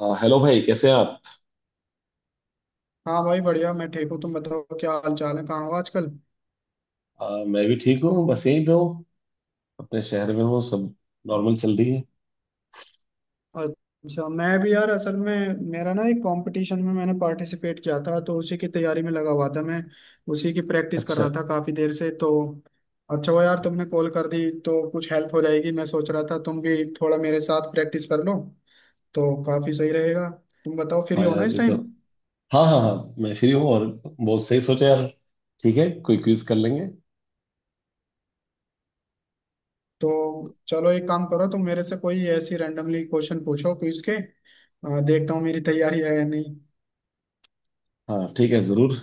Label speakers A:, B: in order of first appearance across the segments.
A: Hello भाई, कैसे हैं आप।
B: हाँ भाई, बढ़िया। मैं ठीक हूँ, तुम बताओ क्या हाल चाल है, कहाँ हो आजकल?
A: मैं भी ठीक हूँ, बस यहीं पे हूँ। अपने शहर में हूँ, सब नॉर्मल चल रही है।
B: अच्छा मैं भी यार, असल में मेरा ना एक कंपटीशन में मैंने पार्टिसिपेट किया था, तो उसी की तैयारी में लगा हुआ था मैं। उसी की प्रैक्टिस कर
A: अच्छा।
B: रहा था काफी देर से तो। अच्छा वो यार, तुमने कॉल कर दी तो कुछ हेल्प हो जाएगी। मैं सोच रहा था तुम भी थोड़ा मेरे साथ प्रैक्टिस कर लो, तो काफी सही रहेगा। तुम बताओ, फ्री
A: हाँ
B: हो ना
A: यार,
B: इस
A: ये तो।
B: टाइम?
A: हाँ हाँ हाँ। मैं फ्री हूँ, और बहुत सही सोचा यार। ठीक है, कोई क्विज कर लेंगे।
B: तो चलो, एक काम करो, तुम मेरे से कोई ऐसी रैंडमली क्वेश्चन पूछो क्विज के, देखता हूँ मेरी तैयारी है या नहीं।
A: हाँ ठीक है जरूर।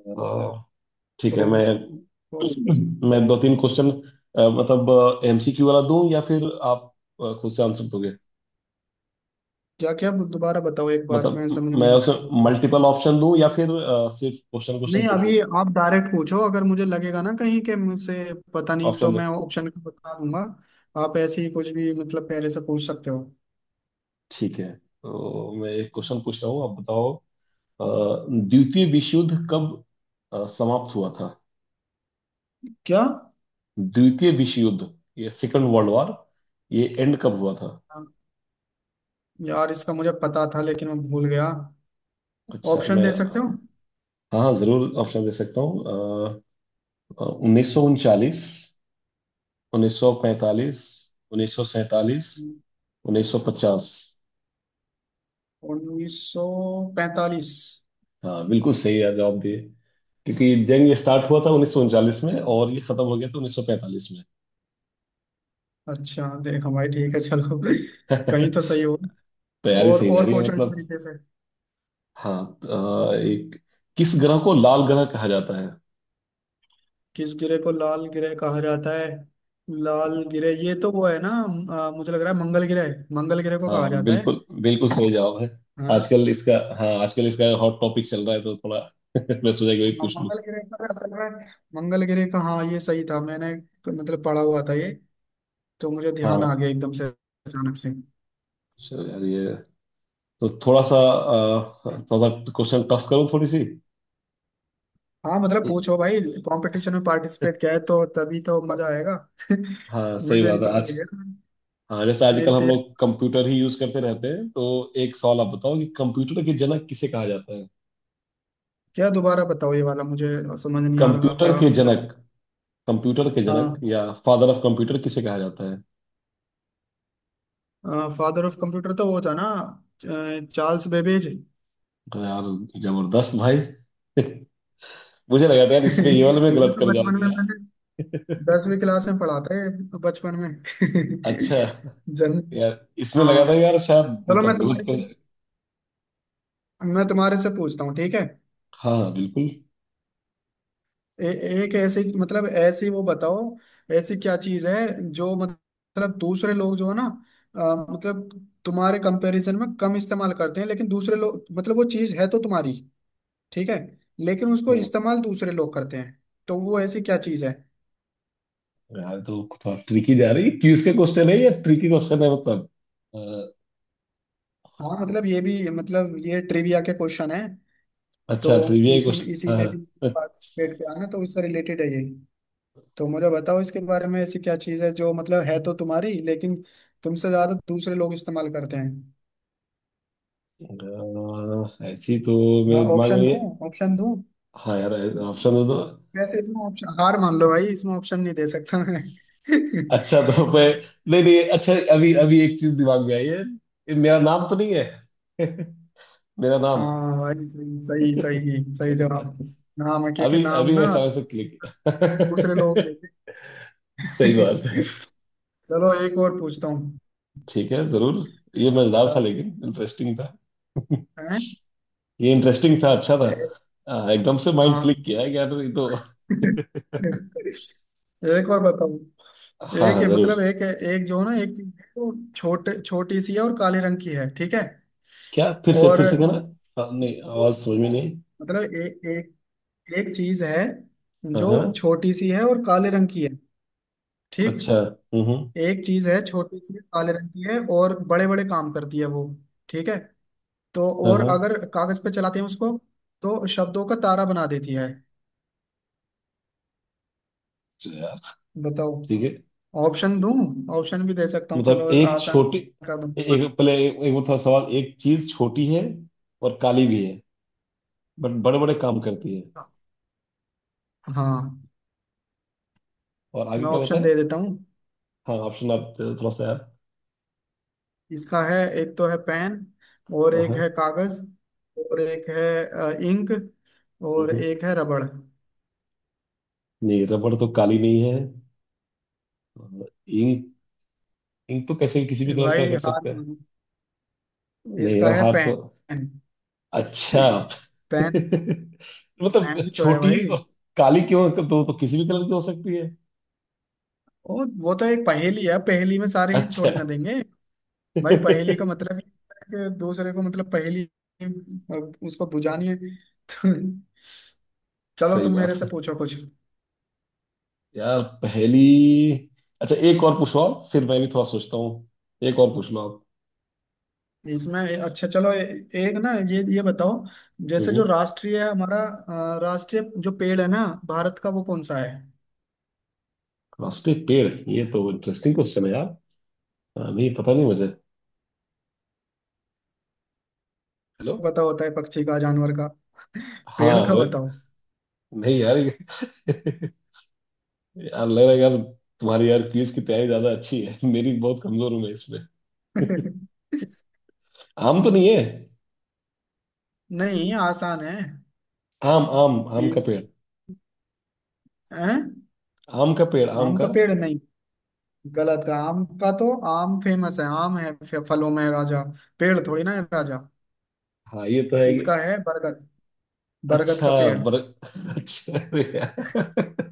A: आ, ठीक है
B: तो
A: मैं।
B: और
A: मैं दो तीन क्वेश्चन। मतलब एमसीक्यू वाला दूं या फिर आप खुद से आंसर दोगे।
B: क्या? क्या दोबारा बताओ एक बार,
A: मतलब
B: मैं समझ नहीं
A: मैं
B: पाया तो
A: उसमें
B: थोड़ा।
A: मल्टीपल ऑप्शन दूं, या फिर सिर्फ क्वेश्चन क्वेश्चन
B: नहीं
A: पूछूं।
B: अभी, आप डायरेक्ट पूछो, अगर मुझे लगेगा ना कहीं के मुझसे पता नहीं, तो
A: ऑप्शन दे।
B: मैं ऑप्शन का बता दूंगा। आप ऐसे ही कुछ भी मतलब पहले से पूछ सकते हो।
A: ठीक है, तो मैं एक क्वेश्चन पूछ रहा हूँ, आप बताओ। अ, द्वितीय विश्व युद्ध कब समाप्त हुआ था।
B: क्या?
A: द्वितीय विश्व युद्ध, ये सेकंड वर्ल्ड वॉर, ये एंड कब हुआ था।
B: हाँ यार, इसका मुझे पता था लेकिन मैं भूल गया।
A: अच्छा
B: ऑप्शन
A: मैं।
B: दे सकते हो?
A: हाँ हाँ, जरूर ऑप्शन दे सकता हूँ। 1939, 1945, 1947, 1950।
B: 1945।
A: हाँ बिल्कुल सही है, जवाब दिए। क्योंकि जंग ये स्टार्ट हुआ था 1939 में, और ये खत्म हो गया था 1945 में।
B: अच्छा देखो भाई, ठीक है चलो कहीं तो सही
A: तैयारी
B: हो। और
A: सही जा
B: और
A: रही है
B: पूछो इस
A: मतलब।
B: तरीके से।
A: हाँ, एक, किस ग्रह को लाल ग्रह कहा जाता है।
B: किस गिरे को लाल गिरह कहा जाता है? लाल गिरह, ये तो वो है ना, मुझे लग रहा है मंगल गिरह। मंगल गिरह को कहा
A: हाँ,
B: जाता है।
A: बिल्कुल बिल्कुल सही जवाब है।
B: है ना?
A: आजकल इसका। हाँ, आजकल इसका हॉट टॉपिक चल रहा है, तो थोड़ा। मैं सोचा कि वही
B: हाँ,
A: पूछ लूँ।
B: मंगल गिरह पर असल में। मंगल गिरह का, हाँ ये सही था मैंने, मतलब पढ़ा हुआ था ये। तो मुझे ध्यान आ
A: हाँ,
B: गया एकदम से अचानक से।
A: चलो यार ये तो। थोड़ा सा, थोड़ा सा क्वेश्चन टफ करूँ थोड़ी सी।
B: हाँ मतलब पूछो भाई, कंपटीशन में पार्टिसिपेट किया है तो तभी तो मजा आएगा।
A: हाँ सही
B: मुझे भी
A: बात है
B: पता
A: आज।
B: लगेगा
A: हाँ, जैसे
B: मेरी
A: आजकल हम
B: तैयारी।
A: लोग कंप्यूटर ही यूज करते रहते हैं, तो एक सवाल आप बताओ, कि कंप्यूटर के जनक किसे कहा जाता है।
B: क्या? दोबारा बताओ ये वाला, मुझे समझ नहीं आ रहा
A: कंप्यूटर
B: क्या
A: के
B: मतलब।
A: जनक, कंप्यूटर के जनक
B: हाँ,
A: या फादर ऑफ कंप्यूटर किसे कहा जाता है।
B: फादर ऑफ कंप्यूटर तो वो था ना, चार्ल्स बेबेज।
A: अरे यार, जबरदस्त भाई। मुझे लगा था यार, इसमें ये वाले में
B: ये
A: गलत
B: तो
A: कर
B: बचपन में
A: जाओगे।
B: मैंने 10वीं क्लास में पढ़ा था, ये तो बचपन में
A: अच्छा।
B: जन्म।
A: यार इसमें लगा
B: हाँ
A: था यार, शायद
B: चलो, मैं
A: मतलब गलत
B: तुम्हारे
A: कर।
B: से मैं तुम्हारे से पूछता हूँ, ठीक है।
A: हाँ हाँ, बिल्कुल।
B: ए, एक ऐसी, मतलब ऐसी वो बताओ, ऐसी क्या चीज है जो मतलब दूसरे लोग, जो है ना, मतलब तुम्हारे कंपैरिजन में कम इस्तेमाल करते हैं, लेकिन दूसरे लोग, मतलब वो चीज है तो तुम्हारी, ठीक है, लेकिन उसको
A: हाँ,
B: इस्तेमाल दूसरे लोग करते हैं। तो वो ऐसी क्या चीज है?
A: यार तो थोड़ा ट्रिकी जा रही है, क्यूज के क्वेश्चन है या ट्रिकी क्वेश्चन है मतलब। अ,
B: हाँ मतलब ये भी, मतलब ये ट्रिविया के क्वेश्चन है। तो
A: अच्छा, ट्रिविया
B: इसी
A: क्वेश्चन,
B: इसी
A: हाँ।
B: में भी
A: हाँ।
B: पार्टिसिपेट किया ना, तो उससे रिलेटेड है ये। तो मुझे बताओ इसके बारे में, ऐसी क्या चीज़ है जो मतलब है तो तुम्हारी, लेकिन तुमसे ज़्यादा दूसरे लोग इस्तेमाल करते हैं।
A: ऐसी तो
B: हाँ
A: मेरे दिमाग में
B: ऑप्शन
A: नहीं है।
B: दूं? ऑप्शन दूं?
A: हाँ यार, ऑप्शन दे दो।
B: वैसे इसमें ऑप्शन, हार मान लो भाई, इसमें ऑप्शन नहीं दे सकता मैं।
A: अच्छा तो मैं, नहीं नहीं, अच्छा अभी अभी एक चीज दिमाग में आई है, ये मेरा नाम तो नहीं है। मेरा नाम।
B: हाँ भाई, सही सही सही सही
A: चलो यार,
B: जवाब। नाम है, क्योंकि
A: अभी
B: नाम
A: अभी
B: ना
A: अचानक से क्लिक।
B: दूसरे लोग लेते हैं।
A: सही बात है।
B: चलो एक और पूछता हूँ।
A: ठीक है जरूर। ये मजेदार था, लेकिन इंटरेस्टिंग था।
B: हैं?
A: ये इंटरेस्टिंग था, अच्छा था। एकदम से माइंड क्लिक
B: हाँ।
A: किया है, कि यार ये तो।
B: एक और बताओ।
A: हाँ
B: एक
A: हाँ
B: है,
A: जरूर।
B: मतलब एक है, एक जो है ना, एक चीज है वो छोटे छोटी सी है और काले रंग की है, ठीक है।
A: क्या,
B: और
A: फिर से कहना। हाँ, नहीं आवाज
B: वो,
A: समझ में नहीं।
B: मतलब एक एक चीज है
A: हाँ
B: जो
A: हाँ।
B: छोटी सी है और काले रंग की है, ठीक।
A: अच्छा। हम्म।
B: एक चीज है छोटी सी, काले रंग की है और बड़े बड़े काम करती है वो, ठीक है, तो
A: हाँ
B: और
A: हाँ।
B: अगर कागज पे चलाते हैं उसको, तो शब्दों का तारा बना देती है।
A: अच्छा यार,
B: बताओ।
A: ठीक है।
B: ऑप्शन दूं? ऑप्शन भी दे सकता हूँ,
A: मतलब
B: चलो
A: एक
B: आसान
A: छोटी,
B: कर दूं।
A: एक पहले एक, एक मतलब सवाल, एक चीज छोटी है, और काली भी है, बट बड़े बड़े काम करती है,
B: हाँ
A: और आगे
B: मैं
A: क्या
B: ऑप्शन
A: बताए।
B: दे देता हूँ।
A: हाँ ऑप्शन, आप थोड़ा सा यार।
B: इसका है, एक तो है पेन, और
A: हाँ
B: एक
A: हाँ।
B: है कागज, और एक है इंक,
A: हम्म,
B: और
A: हम्म।
B: एक है रबड़।
A: नहीं, रबड़ तो काली नहीं है। इंक, इंक तो कैसे भी किसी भी कलर का
B: भाई
A: कर
B: हार
A: सकते हैं।
B: मानो,
A: नहीं
B: इसका
A: यार,
B: है
A: हार तो।
B: पेन।
A: अच्छा।
B: पेन। पेन
A: मतलब
B: ही तो है
A: छोटी
B: भाई।
A: और काली क्यों, तो किसी भी कलर की हो सकती है।
B: वो तो एक पहेली है, पहेली में सारे हिंट
A: अच्छा।
B: थोड़ी ना देंगे। भाई पहेली का मतलब ही है कि दूसरे को, मतलब पहेली, अ, उसको बुझानी है। चलो
A: सही
B: तुम मेरे
A: बात
B: से
A: है।
B: पूछो कुछ,
A: यार पहली। अच्छा, एक और पूछ लो आप, फिर मैं भी थोड़ा सोचता हूँ। एक और पूछ लो आप।
B: इसमें। अच्छा चलो एक ना, ये बताओ, जैसे जो
A: हम्म,
B: राष्ट्रीय है हमारा, राष्ट्रीय जो पेड़ है ना भारत का, वो कौन सा है?
A: रास्ते पेड़, ये तो इंटरेस्टिंग क्वेश्चन है यार। हाँ, नहीं पता नहीं मुझे। हेलो।
B: पता होता है पक्षी का, जानवर का, पेड़
A: हाँ
B: का
A: हो।
B: बताओ।
A: नहीं यार। यार लग रहा है यार, तुम्हारी यार क्विज की तैयारी ज्यादा अच्छी है। मेरी बहुत कमजोर हूँ मैं। आम तो नहीं है।
B: नहीं, आसान है।
A: आम आम आम का
B: ए,
A: पेड़,
B: हैं?
A: आम का पेड़, आम
B: आम
A: का।
B: का पेड़ नहीं, गलत है। आम का तो आम फेमस है, आम है, फलों में राजा। पेड़ थोड़ी ना है राजा।
A: हाँ ये तो है ये।
B: इसका है बरगद। बरगद
A: अच्छा।
B: का पेड़।
A: बर अच्छा अरे यार।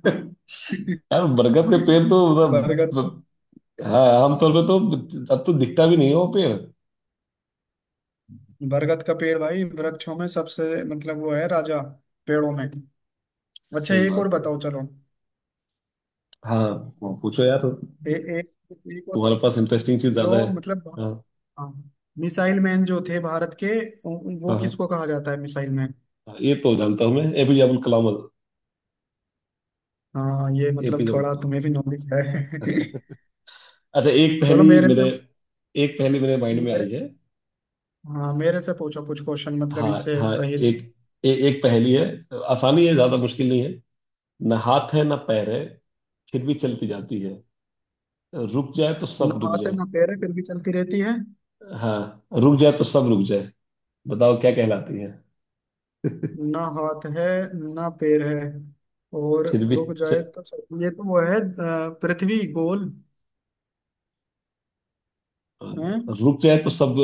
A: यार बरगद का पेड़ तो मतलब
B: बरगद।
A: मतलब, हाँ आमतौर पे तो, अब तो दिखता भी नहीं है वो पेड़।
B: बरगद का पेड़ भाई, वृक्षों में सबसे, मतलब वो है राजा पेड़ों में। अच्छा
A: सही
B: एक और
A: बात है।
B: बताओ चलो।
A: हाँ, वो पूछो यार,
B: एक एक और
A: तुम्हारे
B: बताओ,
A: पास इंटरेस्टिंग चीज ज्यादा है।
B: जो मतलब,
A: हाँ
B: हाँ, मिसाइल मैन जो थे भारत के, वो
A: हाँ। हाँ
B: किसको कहा जाता है मिसाइल मैन?
A: हाँ, ये तो जानता हूँ मैं, एपीजे अब्दुल कलाम।
B: हाँ, ये मतलब
A: एपीजे अब्दुल
B: थोड़ा
A: कलाम।
B: तुम्हें भी नॉलेज है।
A: अच्छा एक
B: चलो
A: पहेली
B: मेरे से,
A: मेरे, एक पहेली मेरे माइंड में आई
B: मेरे,
A: है।
B: हाँ मेरे से पूछो कुछ क्वेश्चन, मतलब
A: हाँ
B: इससे
A: हाँ,
B: पहले।
A: एक, एक पहेली है, आसानी है, ज्यादा मुश्किल नहीं है। ना हाथ है ना पैर है, फिर भी चलती जाती है, रुक जाए तो सब
B: ना
A: रुक
B: हाथ है
A: जाए।
B: ना पैर है फिर भी चलती रहती है।
A: हाँ, रुक जाए तो सब रुक जाए। बताओ क्या कहलाती है।
B: ना हाथ है, ना पैर है, और
A: फिर भी
B: रुक
A: च...
B: जाए तो सब, ये तो वो है, पृथ्वी गोल है।
A: रुक जाए तो सब,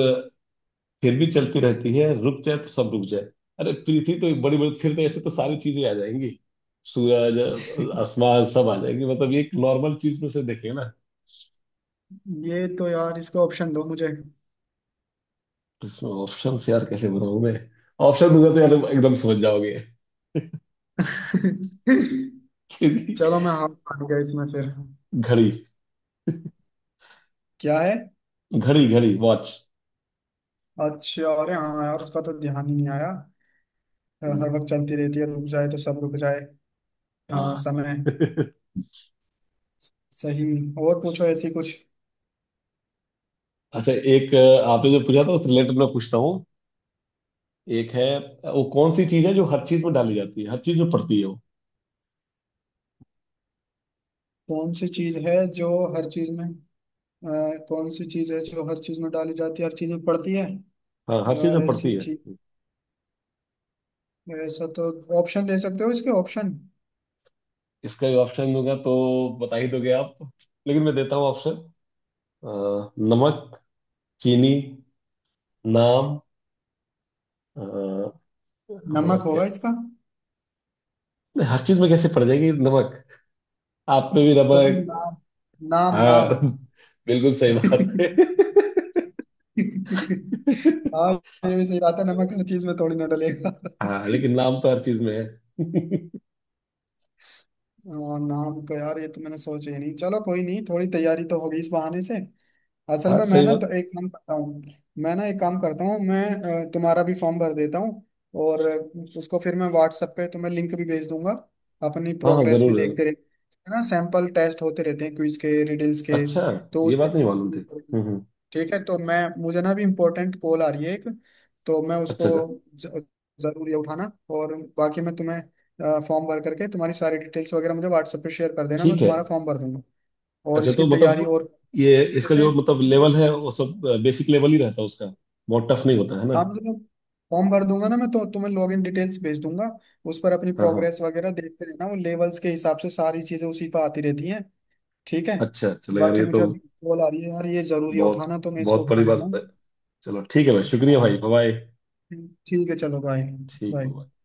A: फिर भी चलती रहती है, रुक जाए तो सब रुक जाए। अरे पृथ्वी तो बड़ी बड़ी, फिर तो ऐसे तो सारी चीजें आ जाएंगी, सूरज, आसमान सब आ जाएंगे, मतलब ये एक नॉर्मल चीज में से देखिए ना।
B: ये तो यार इसका ऑप्शन दो मुझे।
A: इसमें ऑप्शन यार कैसे बनाऊं मैं, ऑप्शन दूंगा तो यार एकदम समझ जाओगे। घड़ी,
B: चलो मैं हाथ मान गया इसमें। फिर क्या है?
A: घड़ी घड़ी, वॉच।
B: अच्छा, अरे हाँ यार, उसका तो ध्यान ही नहीं आया। हर वक्त चलती रहती है, रुक जाए तो सब रुक जाए। हाँ,
A: हाँ।
B: समय।
A: अच्छा,
B: सही। और पूछो ऐसी कुछ।
A: एक आपने जो पूछा था उस रिलेटेड मैं पूछता हूँ। एक है, वो कौन सी चीज है, जो हर चीज में डाली जाती है, हर चीज में पड़ती है वो।
B: कौन सी चीज है जो हर चीज में, अ, कौन सी चीज है जो हर चीज में डाली जाती है, हर चीज में पड़ती है?
A: हाँ, हर चीज
B: यार
A: में
B: ऐसी
A: पड़ती है।
B: चीज, ऐसा तो। ऑप्शन दे सकते हो इसके? ऑप्शन?
A: इसका भी ऑप्शन दूंगा तो बता ही दोगे आप, लेकिन मैं देता हूँ ऑप्शन। अ, नमक, चीनी, नाम, और।
B: नमक होगा
A: क्या,
B: इसका।
A: नहीं, हर चीज में कैसे पड़ जाएगी नमक, आप में भी
B: तो फिर
A: नमक।
B: नाम। नाम,
A: हाँ।
B: नाम।
A: बिल्कुल सही बात है।
B: हाँ, ये भी सही बात है, नमक हर चीज में थोड़ी ना डलेगा।
A: हाँ, लेकिन नाम तो हर चीज में है।
B: हाँ, नाम का यार, ये तो मैंने सोचा ही नहीं। चलो कोई नहीं, थोड़ी तैयारी तो होगी इस बहाने से। असल
A: हाँ
B: में मैं
A: सही
B: ना तो
A: बात।
B: एक काम करता हूँ, मैं ना एक काम करता हूँ मैं, तुम्हारा भी फॉर्म भर देता हूँ। और उसको फिर मैं व्हाट्सएप पे तुम्हें लिंक भी भेज दूंगा। अपनी
A: हाँ हाँ
B: प्रोग्रेस भी
A: जरूर
B: देखते
A: जरूर।
B: रहे, है ना? सैंपल टेस्ट होते रहते हैं क्विज के, रिडल्स के,
A: अच्छा।
B: तो उस
A: ये
B: पर।
A: बात नहीं मालूम थी। हम्म।
B: ठीक है, तो मैं, मुझे ना अभी इम्पोर्टेंट कॉल आ रही है एक, तो मैं
A: अच्छा
B: उसको,
A: अच्छा।
B: ज- जरूर ये उठाना। और बाकी मैं तुम्हें, फॉर्म भर करके तुम्हारी सारी डिटेल्स वगैरह मुझे व्हाट्सएप पे शेयर कर देना, मैं
A: ठीक है।
B: तुम्हारा फॉर्म भर दूंगा। और
A: अच्छा
B: इसकी
A: तो
B: तैयारी
A: मतलब,
B: और
A: ये
B: अच्छे
A: इसका
B: से।
A: जो मतलब लेवल है, वो सब बेसिक लेवल ही रहता है उसका। बहुत टफ नहीं होता है ना।
B: आप जब, फॉर्म भर दूंगा ना मैं, तो तुम्हें लॉग इन डिटेल्स भेज दूंगा। उस पर अपनी
A: हाँ हाँ।
B: प्रोग्रेस वगैरह देखते रहना, वो लेवल्स के हिसाब से सारी चीजें उसी पर आती रहती हैं, ठीक है।
A: अच्छा चलो यार,
B: बाकी
A: ये
B: मुझे
A: तो
B: अभी कॉल आ रही है यार, ये जरूरी है
A: बहुत,
B: उठाना, तो मैं इसको
A: बहुत
B: उठा
A: बड़ी
B: लेता
A: बात
B: हूँ।
A: है। चलो ठीक है भाई, शुक्रिया भाई,
B: हाँ,
A: बाय।
B: ठीक है चलो बाय।
A: ठीक है
B: बाय।
A: bye।